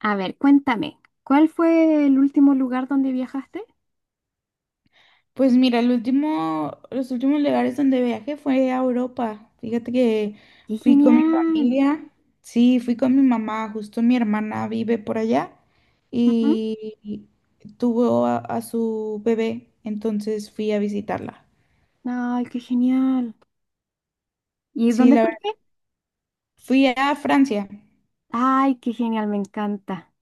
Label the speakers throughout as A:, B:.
A: A ver, cuéntame, ¿cuál fue el último lugar donde viajaste?
B: Pues mira, el último, los últimos lugares donde viajé fue a Europa. Fíjate que
A: ¡Qué
B: fui con mi
A: genial!
B: familia, sí, fui con mi mamá, justo mi hermana vive por allá
A: Ujú.
B: y tuvo a su bebé, entonces fui a visitarla.
A: ¡Ay, qué genial! ¿Y
B: Sí,
A: dónde
B: la verdad,
A: fuiste?
B: fui a Francia.
A: ¡Ay, qué genial! Me encanta.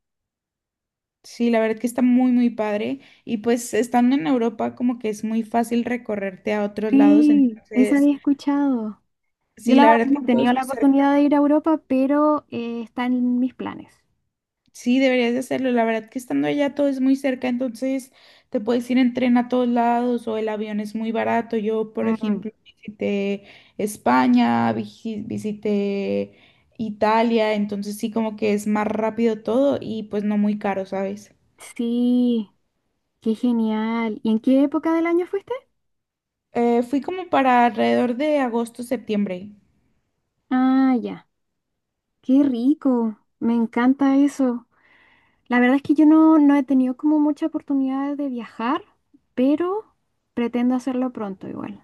B: Sí, la verdad que está muy, muy padre. Y pues estando en Europa, como que es muy fácil recorrerte a otros lados,
A: Sí, esa
B: entonces,
A: había escuchado. Yo
B: sí,
A: la
B: la
A: verdad
B: verdad que
A: no he
B: todo
A: tenido
B: es muy
A: la
B: cerca.
A: oportunidad de ir a Europa, pero está en mis planes.
B: Sí, deberías de hacerlo. La verdad que estando allá todo es muy cerca, entonces te puedes ir en tren a todos lados o el avión es muy barato. Yo, por
A: Mm.
B: ejemplo, visité España, visité Italia, entonces sí como que es más rápido todo y pues no muy caro, ¿sabes?
A: Sí, qué genial. ¿Y en qué época del año fuiste?
B: Fui como para alrededor de agosto, septiembre.
A: Ah, ya. Qué rico. Me encanta eso. La verdad es que yo no, no he tenido como mucha oportunidad de viajar, pero pretendo hacerlo pronto igual.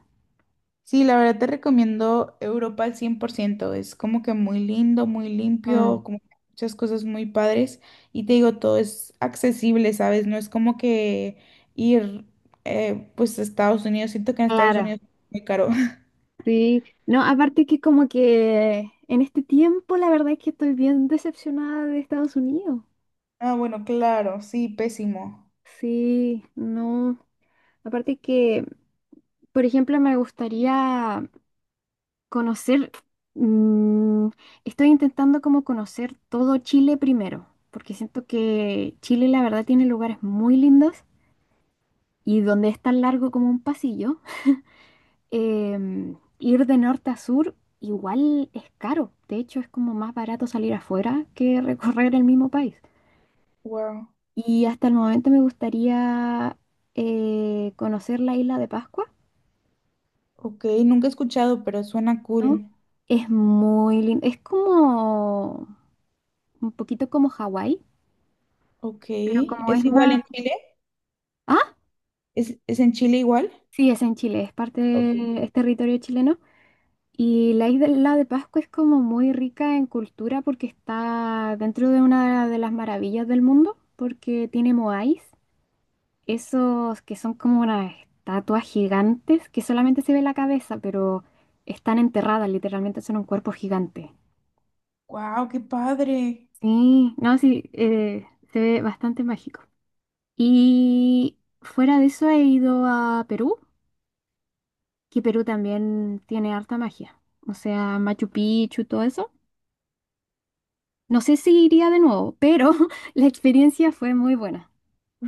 B: Sí, la verdad te recomiendo Europa al 100%. Es como que muy lindo, muy
A: Mm,
B: limpio, como que muchas cosas muy padres. Y te digo, todo es accesible, ¿sabes? No es como que ir pues a Estados Unidos. Siento que en Estados
A: claro,
B: Unidos es muy caro.
A: sí. No, aparte que como que en este tiempo la verdad es que estoy bien decepcionada de Estados Unidos.
B: Ah, bueno, claro, sí, pésimo.
A: Sí, no. Aparte que, por ejemplo, me gustaría conocer, mm, estoy intentando como conocer todo Chile primero, porque siento que Chile la verdad tiene lugares muy lindos y donde es tan largo como un pasillo, ir de norte a sur igual es caro. De hecho, es como más barato salir afuera que recorrer el mismo país.
B: Wow.
A: Y hasta el momento me gustaría conocer la isla de Pascua,
B: Ok, nunca he escuchado, pero suena
A: ¿no?
B: cool.
A: Es muy lindo. Es como un poquito como Hawái,
B: Ok,
A: pero como es
B: ¿es igual
A: más.
B: en Chile?
A: Ah,
B: ¿Es en Chile igual?
A: sí, es en Chile, es
B: Ok.
A: parte, es territorio chileno. Y la isla de Pascua es como muy rica en cultura porque está dentro de una de las maravillas del mundo, porque tiene moáis, esos que son como unas estatuas gigantes que solamente se ve la cabeza, pero están enterradas, literalmente son un cuerpo gigante.
B: Wow, qué padre.
A: Sí, no, sí, se ve bastante mágico. Y fuera de eso he ido a Perú, que Perú también tiene harta magia, o sea, Machu Picchu, todo eso. No sé si iría de nuevo, pero la experiencia fue muy buena.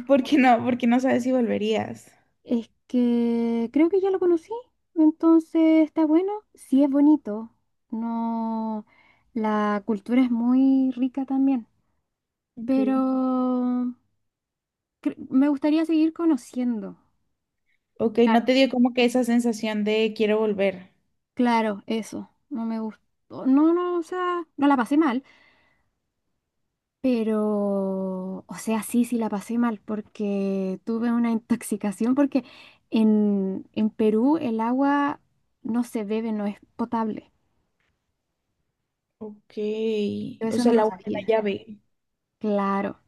B: ¿Por qué no? ¿Por qué no sabes si volverías?
A: Es que creo que ya lo conocí, entonces está bueno. Sí es bonito, no, la cultura es muy rica también,
B: Ok.
A: pero me gustaría seguir conociendo.
B: Ok, no te dio como que esa sensación de quiero volver.
A: Claro, eso, no me gustó. No, no, o sea, no la pasé mal. Pero, o sea, sí, sí la pasé mal porque tuve una intoxicación porque en Perú el agua no se bebe, no es potable.
B: Ok,
A: Yo
B: o
A: eso
B: sea,
A: no
B: la
A: lo
B: agua la
A: sabía.
B: llave.
A: Claro.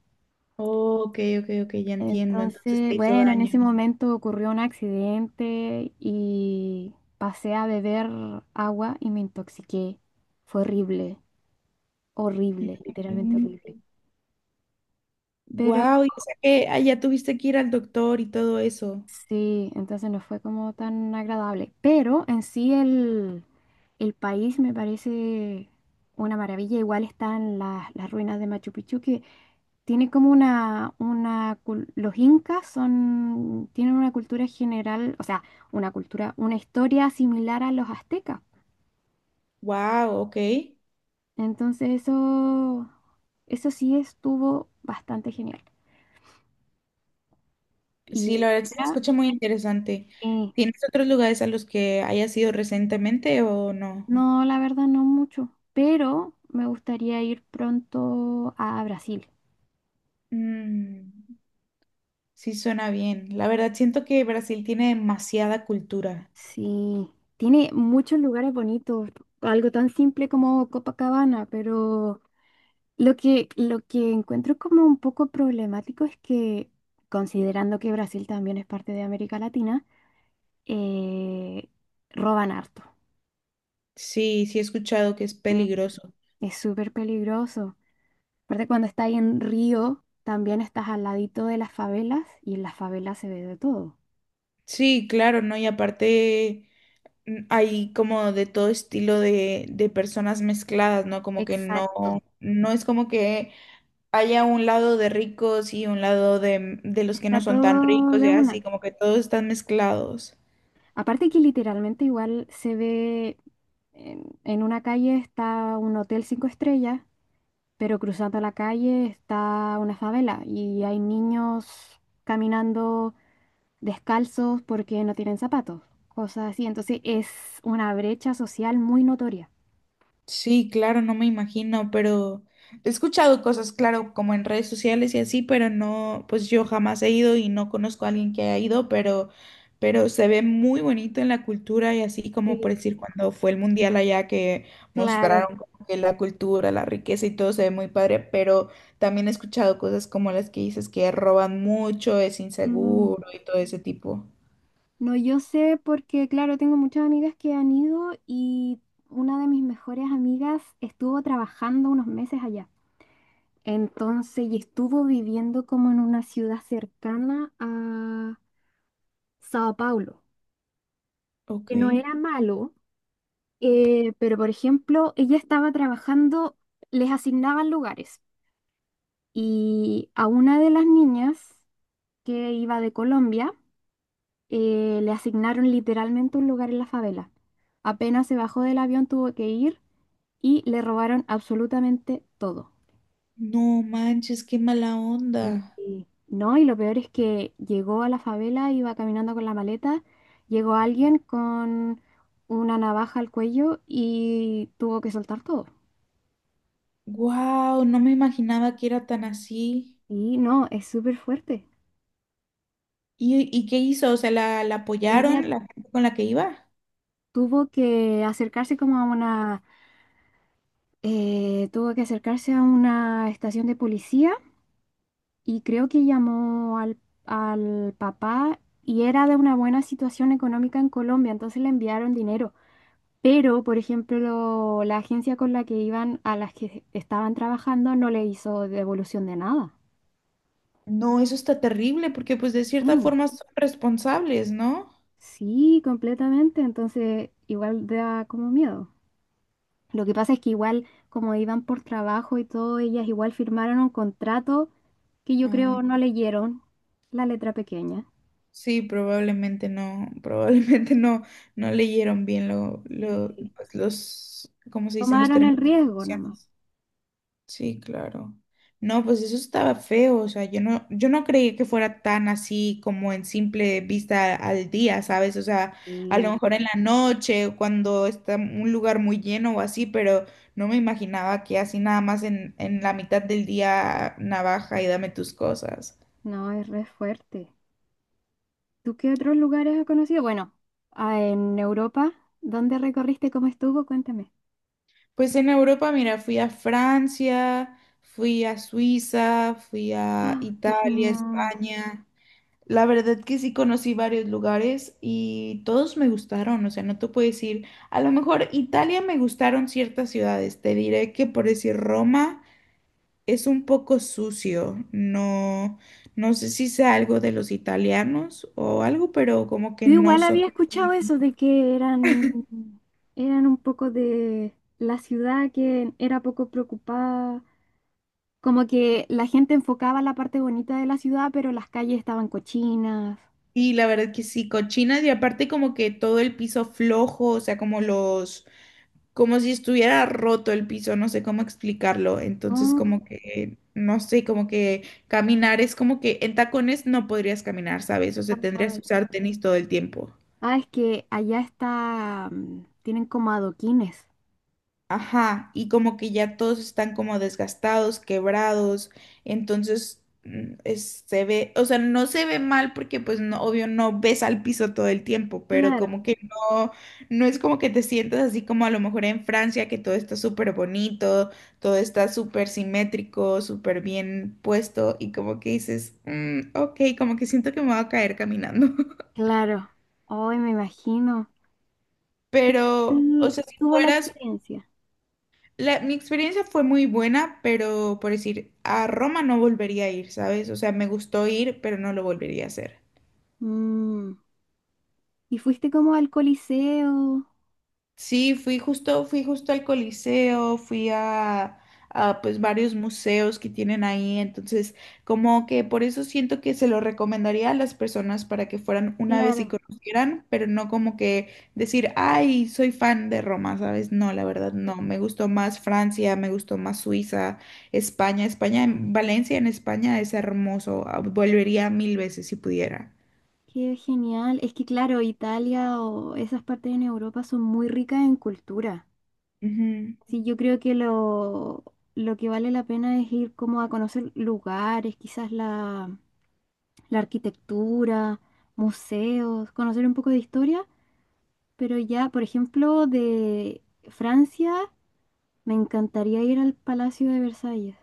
B: Ok, ok, ok, ya entiendo. Entonces
A: Entonces,
B: te hizo
A: bueno, en ese
B: daño.
A: momento ocurrió un accidente y pasé a beber agua y me intoxiqué. Fue horrible, horrible, literalmente horrible. Pero
B: Wow, y o sea que allá tuviste que ir al doctor y todo eso.
A: sí, entonces no fue como tan agradable, pero en sí el país me parece una maravilla. Igual están las ruinas de Machu Picchu que tiene como los incas son, tienen una cultura general, o sea, una cultura, una historia similar a los aztecas.
B: Wow, ok.
A: Entonces eso sí estuvo bastante genial.
B: Sí,
A: Y,
B: la verdad sí se
A: ah,
B: escucha muy interesante.
A: sí.
B: ¿Tienes otros lugares a los que hayas ido recientemente o no?
A: No, la verdad no mucho, pero me gustaría ir pronto a Brasil.
B: Mm, sí, suena bien. La verdad siento que Brasil tiene demasiada cultura.
A: Sí, tiene muchos lugares bonitos, algo tan simple como Copacabana, pero lo que encuentro como un poco problemático es que, considerando que Brasil también es parte de América Latina, eh, roban harto.
B: Sí, sí he escuchado que es
A: Mm.
B: peligroso.
A: Es súper peligroso. Aparte, cuando estás ahí en Río, también estás al ladito de las favelas y en las favelas se ve de todo.
B: Sí, claro, ¿no? Y aparte hay como de todo estilo de personas mezcladas, ¿no? Como que no,
A: Exacto.
B: no es como que haya un lado de ricos y un lado de los que
A: Está
B: no son tan
A: todo
B: ricos,
A: de
B: ya así,
A: una.
B: como que todos están mezclados.
A: Aparte que literalmente igual se ve en una calle está un hotel 5 estrellas, pero cruzando la calle está una favela y hay niños caminando descalzos porque no tienen zapatos, cosas así. Entonces es una brecha social muy notoria.
B: Sí, claro, no me imagino, pero he escuchado cosas, claro, como en redes sociales y así, pero no, pues yo jamás he ido y no conozco a alguien que haya ido, pero se ve muy bonito en la cultura y así
A: Sí,
B: como por decir cuando fue el mundial allá que
A: claro.
B: mostraron como que la cultura, la riqueza y todo se ve muy padre, pero también he escuchado cosas como las que dices que roban mucho, es
A: Mm,
B: inseguro y todo ese tipo.
A: no, yo sé porque, claro, tengo muchas amigas que han ido y una de mis mejores amigas estuvo trabajando unos meses allá. Entonces, y estuvo viviendo como en una ciudad cercana a Sao Paulo,
B: Ok.
A: que no era malo, pero por ejemplo, ella estaba trabajando, les asignaban lugares y a una de las niñas que iba de Colombia, le asignaron literalmente un lugar en la favela. Apenas se bajó del avión, tuvo que ir y le robaron absolutamente todo.
B: No manches, qué mala onda.
A: No, y lo peor es que llegó a la favela, iba caminando con la maleta, llegó alguien con una navaja al cuello y tuvo que soltar todo.
B: Wow, no me imaginaba que era tan así.
A: Y no, es súper fuerte.
B: Y qué hizo? O sea, ¿la
A: Ella
B: apoyaron la gente con la que iba?
A: tuvo que acercarse como a tuvo que acercarse a una estación de policía y creo que llamó al papá y era de una buena situación económica en Colombia, entonces le enviaron dinero. Pero, por ejemplo, la agencia con la que iban, a las que estaban trabajando, no le hizo devolución de nada.
B: No, eso está terrible porque pues de cierta
A: Mm.
B: forma son responsables, ¿no?
A: Sí, completamente. Entonces, igual da como miedo. Lo que pasa es que igual, como iban por trabajo y todo, ellas igual firmaron un contrato que yo
B: Ah,
A: creo no leyeron la letra pequeña.
B: sí, probablemente no, probablemente no, no leyeron bien lo, lo,
A: Sí,
B: pues, los, ¿cómo se dicen? Los
A: tomaron el
B: términos y
A: riesgo nomás.
B: condiciones. Sí, claro. No, pues eso estaba feo, o sea, yo no creí que fuera tan así como en simple vista al día, ¿sabes? O sea, a lo
A: Y
B: mejor en la noche, o cuando está un lugar muy lleno o así, pero no me imaginaba que así nada más en la mitad del día navaja y dame tus cosas.
A: no, es re fuerte. ¿Tú qué otros lugares has conocido? Bueno, ah, en Europa, ¿dónde recorriste? ¿Cómo estuvo? Cuéntame.
B: Pues en Europa, mira, fui a Francia, fui a Suiza, fui a
A: ¡Ah, qué
B: Italia,
A: genial!
B: España. La verdad que sí conocí varios lugares y todos me gustaron, o sea, no te puedo decir, a lo mejor Italia me gustaron ciertas ciudades, te diré que por decir Roma es un poco sucio, no, no sé si sea algo de los italianos o algo, pero como que
A: Yo
B: no
A: igual
B: son...
A: había escuchado eso de que eran un poco de la ciudad que era poco preocupada, como que la gente enfocaba la parte bonita de la ciudad, pero las calles estaban cochinas.
B: Y la verdad que sí, cochinas y aparte como que todo el piso flojo, o sea, como los... como si estuviera roto el piso, no sé cómo explicarlo. Entonces,
A: Ah,
B: como que, no sé, como que caminar es como que en tacones no podrías caminar, ¿sabes? O sea, tendrías que
A: ay.
B: usar tenis todo el tiempo.
A: Ah, es que allá tienen como adoquines.
B: Ajá, y como que ya todos están como desgastados, quebrados, entonces se ve, o sea, no se ve mal porque pues no, obvio no ves al piso todo el tiempo, pero
A: Claro.
B: como que no, no es como que te sientas así como a lo mejor en Francia, que todo está súper bonito, todo está súper simétrico, súper bien puesto y como que dices, "Mm, ok, como que siento que me voy a caer caminando,
A: Claro. Hoy me imagino.
B: pero,
A: Él
B: o sea, si
A: tuvo la
B: fueras
A: experiencia.
B: La, mi experiencia fue muy buena, pero por decir, a Roma no volvería a ir, ¿sabes? O sea, me gustó ir, pero no lo volvería a hacer.
A: Mm. Y fuiste como al Coliseo.
B: Sí, fui justo al Coliseo, fui a pues varios museos que tienen ahí, entonces como que por eso siento que se lo recomendaría a las personas para que fueran una vez y
A: Claro,
B: conocieran, pero no como que decir, ay, soy fan de Roma, ¿sabes? No, la verdad no, me gustó más Francia, me gustó más Suiza, España, Valencia en España es hermoso, ah, volvería mil veces si pudiera.
A: qué genial. Es que claro, Italia o esas partes en Europa son muy ricas en cultura. Sí, yo creo que lo que vale la pena es ir como a conocer lugares, quizás la, la arquitectura, museos, conocer un poco de historia. Pero ya, por ejemplo, de Francia, me encantaría ir al Palacio de Versalles.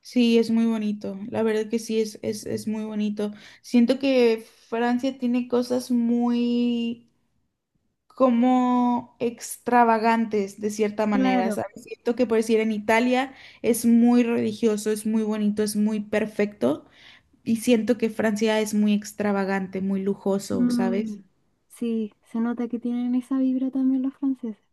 B: Sí, es muy bonito. La verdad que sí, es muy bonito. Siento que Francia tiene cosas muy como extravagantes de cierta manera,
A: Claro.
B: ¿sabes? Siento que por decir en Italia es muy religioso, es muy bonito, es muy perfecto. Y siento que Francia es muy extravagante, muy lujoso,
A: Mm,
B: ¿sabes?
A: sí, se nota que tienen esa vibra también los franceses.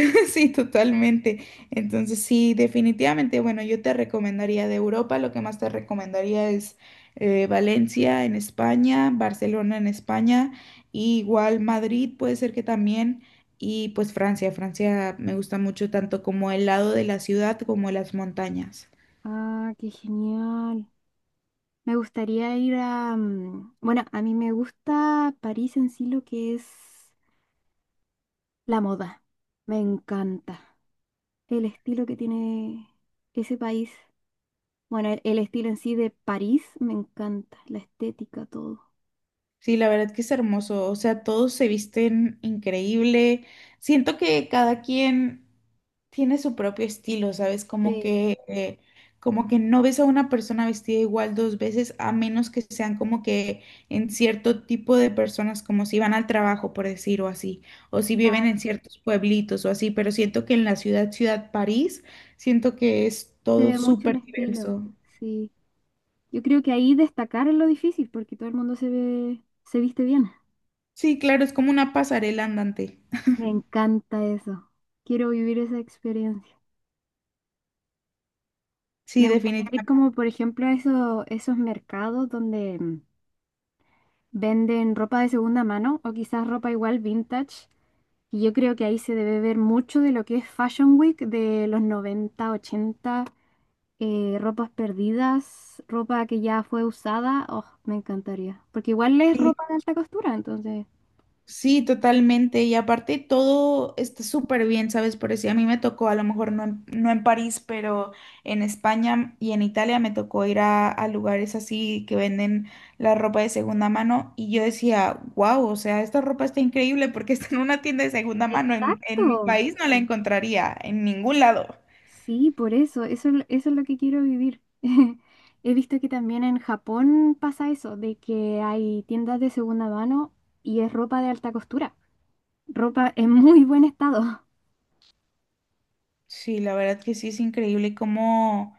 B: Sí, totalmente. Entonces, sí, definitivamente, bueno, yo te recomendaría de Europa, lo que más te recomendaría es Valencia en España, Barcelona en España, y igual Madrid puede ser que también, y pues Francia. Francia me gusta mucho tanto como el lado de la ciudad como las montañas.
A: Ah, qué genial. Me gustaría ir a... mm, Bueno, a mí me gusta París en sí lo que es la moda. Me encanta el estilo que tiene ese país. Bueno, el estilo en sí de París me encanta, la estética, todo.
B: Sí, la verdad que es hermoso. O sea, todos se visten increíble. Siento que cada quien tiene su propio estilo, ¿sabes?
A: Sí,
B: Como que no ves a una persona vestida igual dos veces, a menos que sean como que en cierto tipo de personas, como si van al trabajo, por decir, o así, o si viven en
A: claro,
B: ciertos pueblitos o así, pero siento que en ciudad París, siento que es
A: se
B: todo
A: ve mucho el
B: súper
A: estilo.
B: diverso.
A: Sí, yo creo que ahí destacar es lo difícil porque todo el mundo se ve, se viste bien.
B: Sí, claro, es como una pasarela andante.
A: Me encanta eso. Quiero vivir esa experiencia. Me
B: Sí,
A: gustaría ir
B: definitivamente.
A: como, por ejemplo, a esos mercados donde venden ropa de segunda mano o quizás ropa igual vintage. Y yo creo que ahí se debe ver mucho de lo que es Fashion Week de los 90, 80, ropas perdidas, ropa que ya fue usada. Oh, me encantaría. Porque igual es ropa de alta costura, entonces.
B: Sí, totalmente. Y aparte todo está súper bien, ¿sabes? Por decir, a mí me tocó, a lo mejor no en, no en París, pero en España y en Italia me tocó ir a lugares así que venden la ropa de segunda mano. Y yo decía, wow, o sea, esta ropa está increíble porque está en una tienda de segunda mano. En mi
A: Exacto.
B: país no la encontraría, en ningún lado.
A: Sí, por eso, eso es lo que quiero vivir. He visto que también en Japón pasa eso, de que hay tiendas de segunda mano y es ropa de alta costura, ropa en muy buen estado.
B: Sí, la verdad que sí es increíble cómo,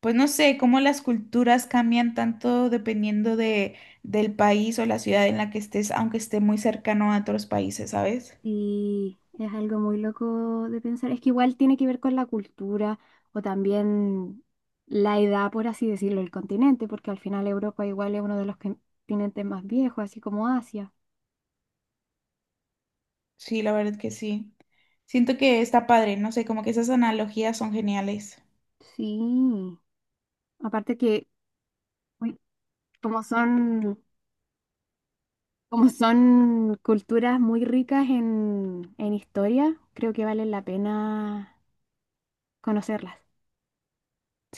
B: pues no sé, cómo las culturas cambian tanto dependiendo de, del país o la ciudad en la que estés, aunque esté muy cercano a otros países, ¿sabes?
A: Y es algo muy loco de pensar. Es que igual tiene que ver con la cultura o también la edad, por así decirlo, el continente, porque al final Europa igual es uno de los continentes más viejos, así como Asia.
B: Sí, la verdad que sí. Siento que está padre, no sé, como que esas analogías son geniales.
A: Sí, aparte que uy, como son... Como son culturas muy ricas en historia, creo que valen la pena conocerlas.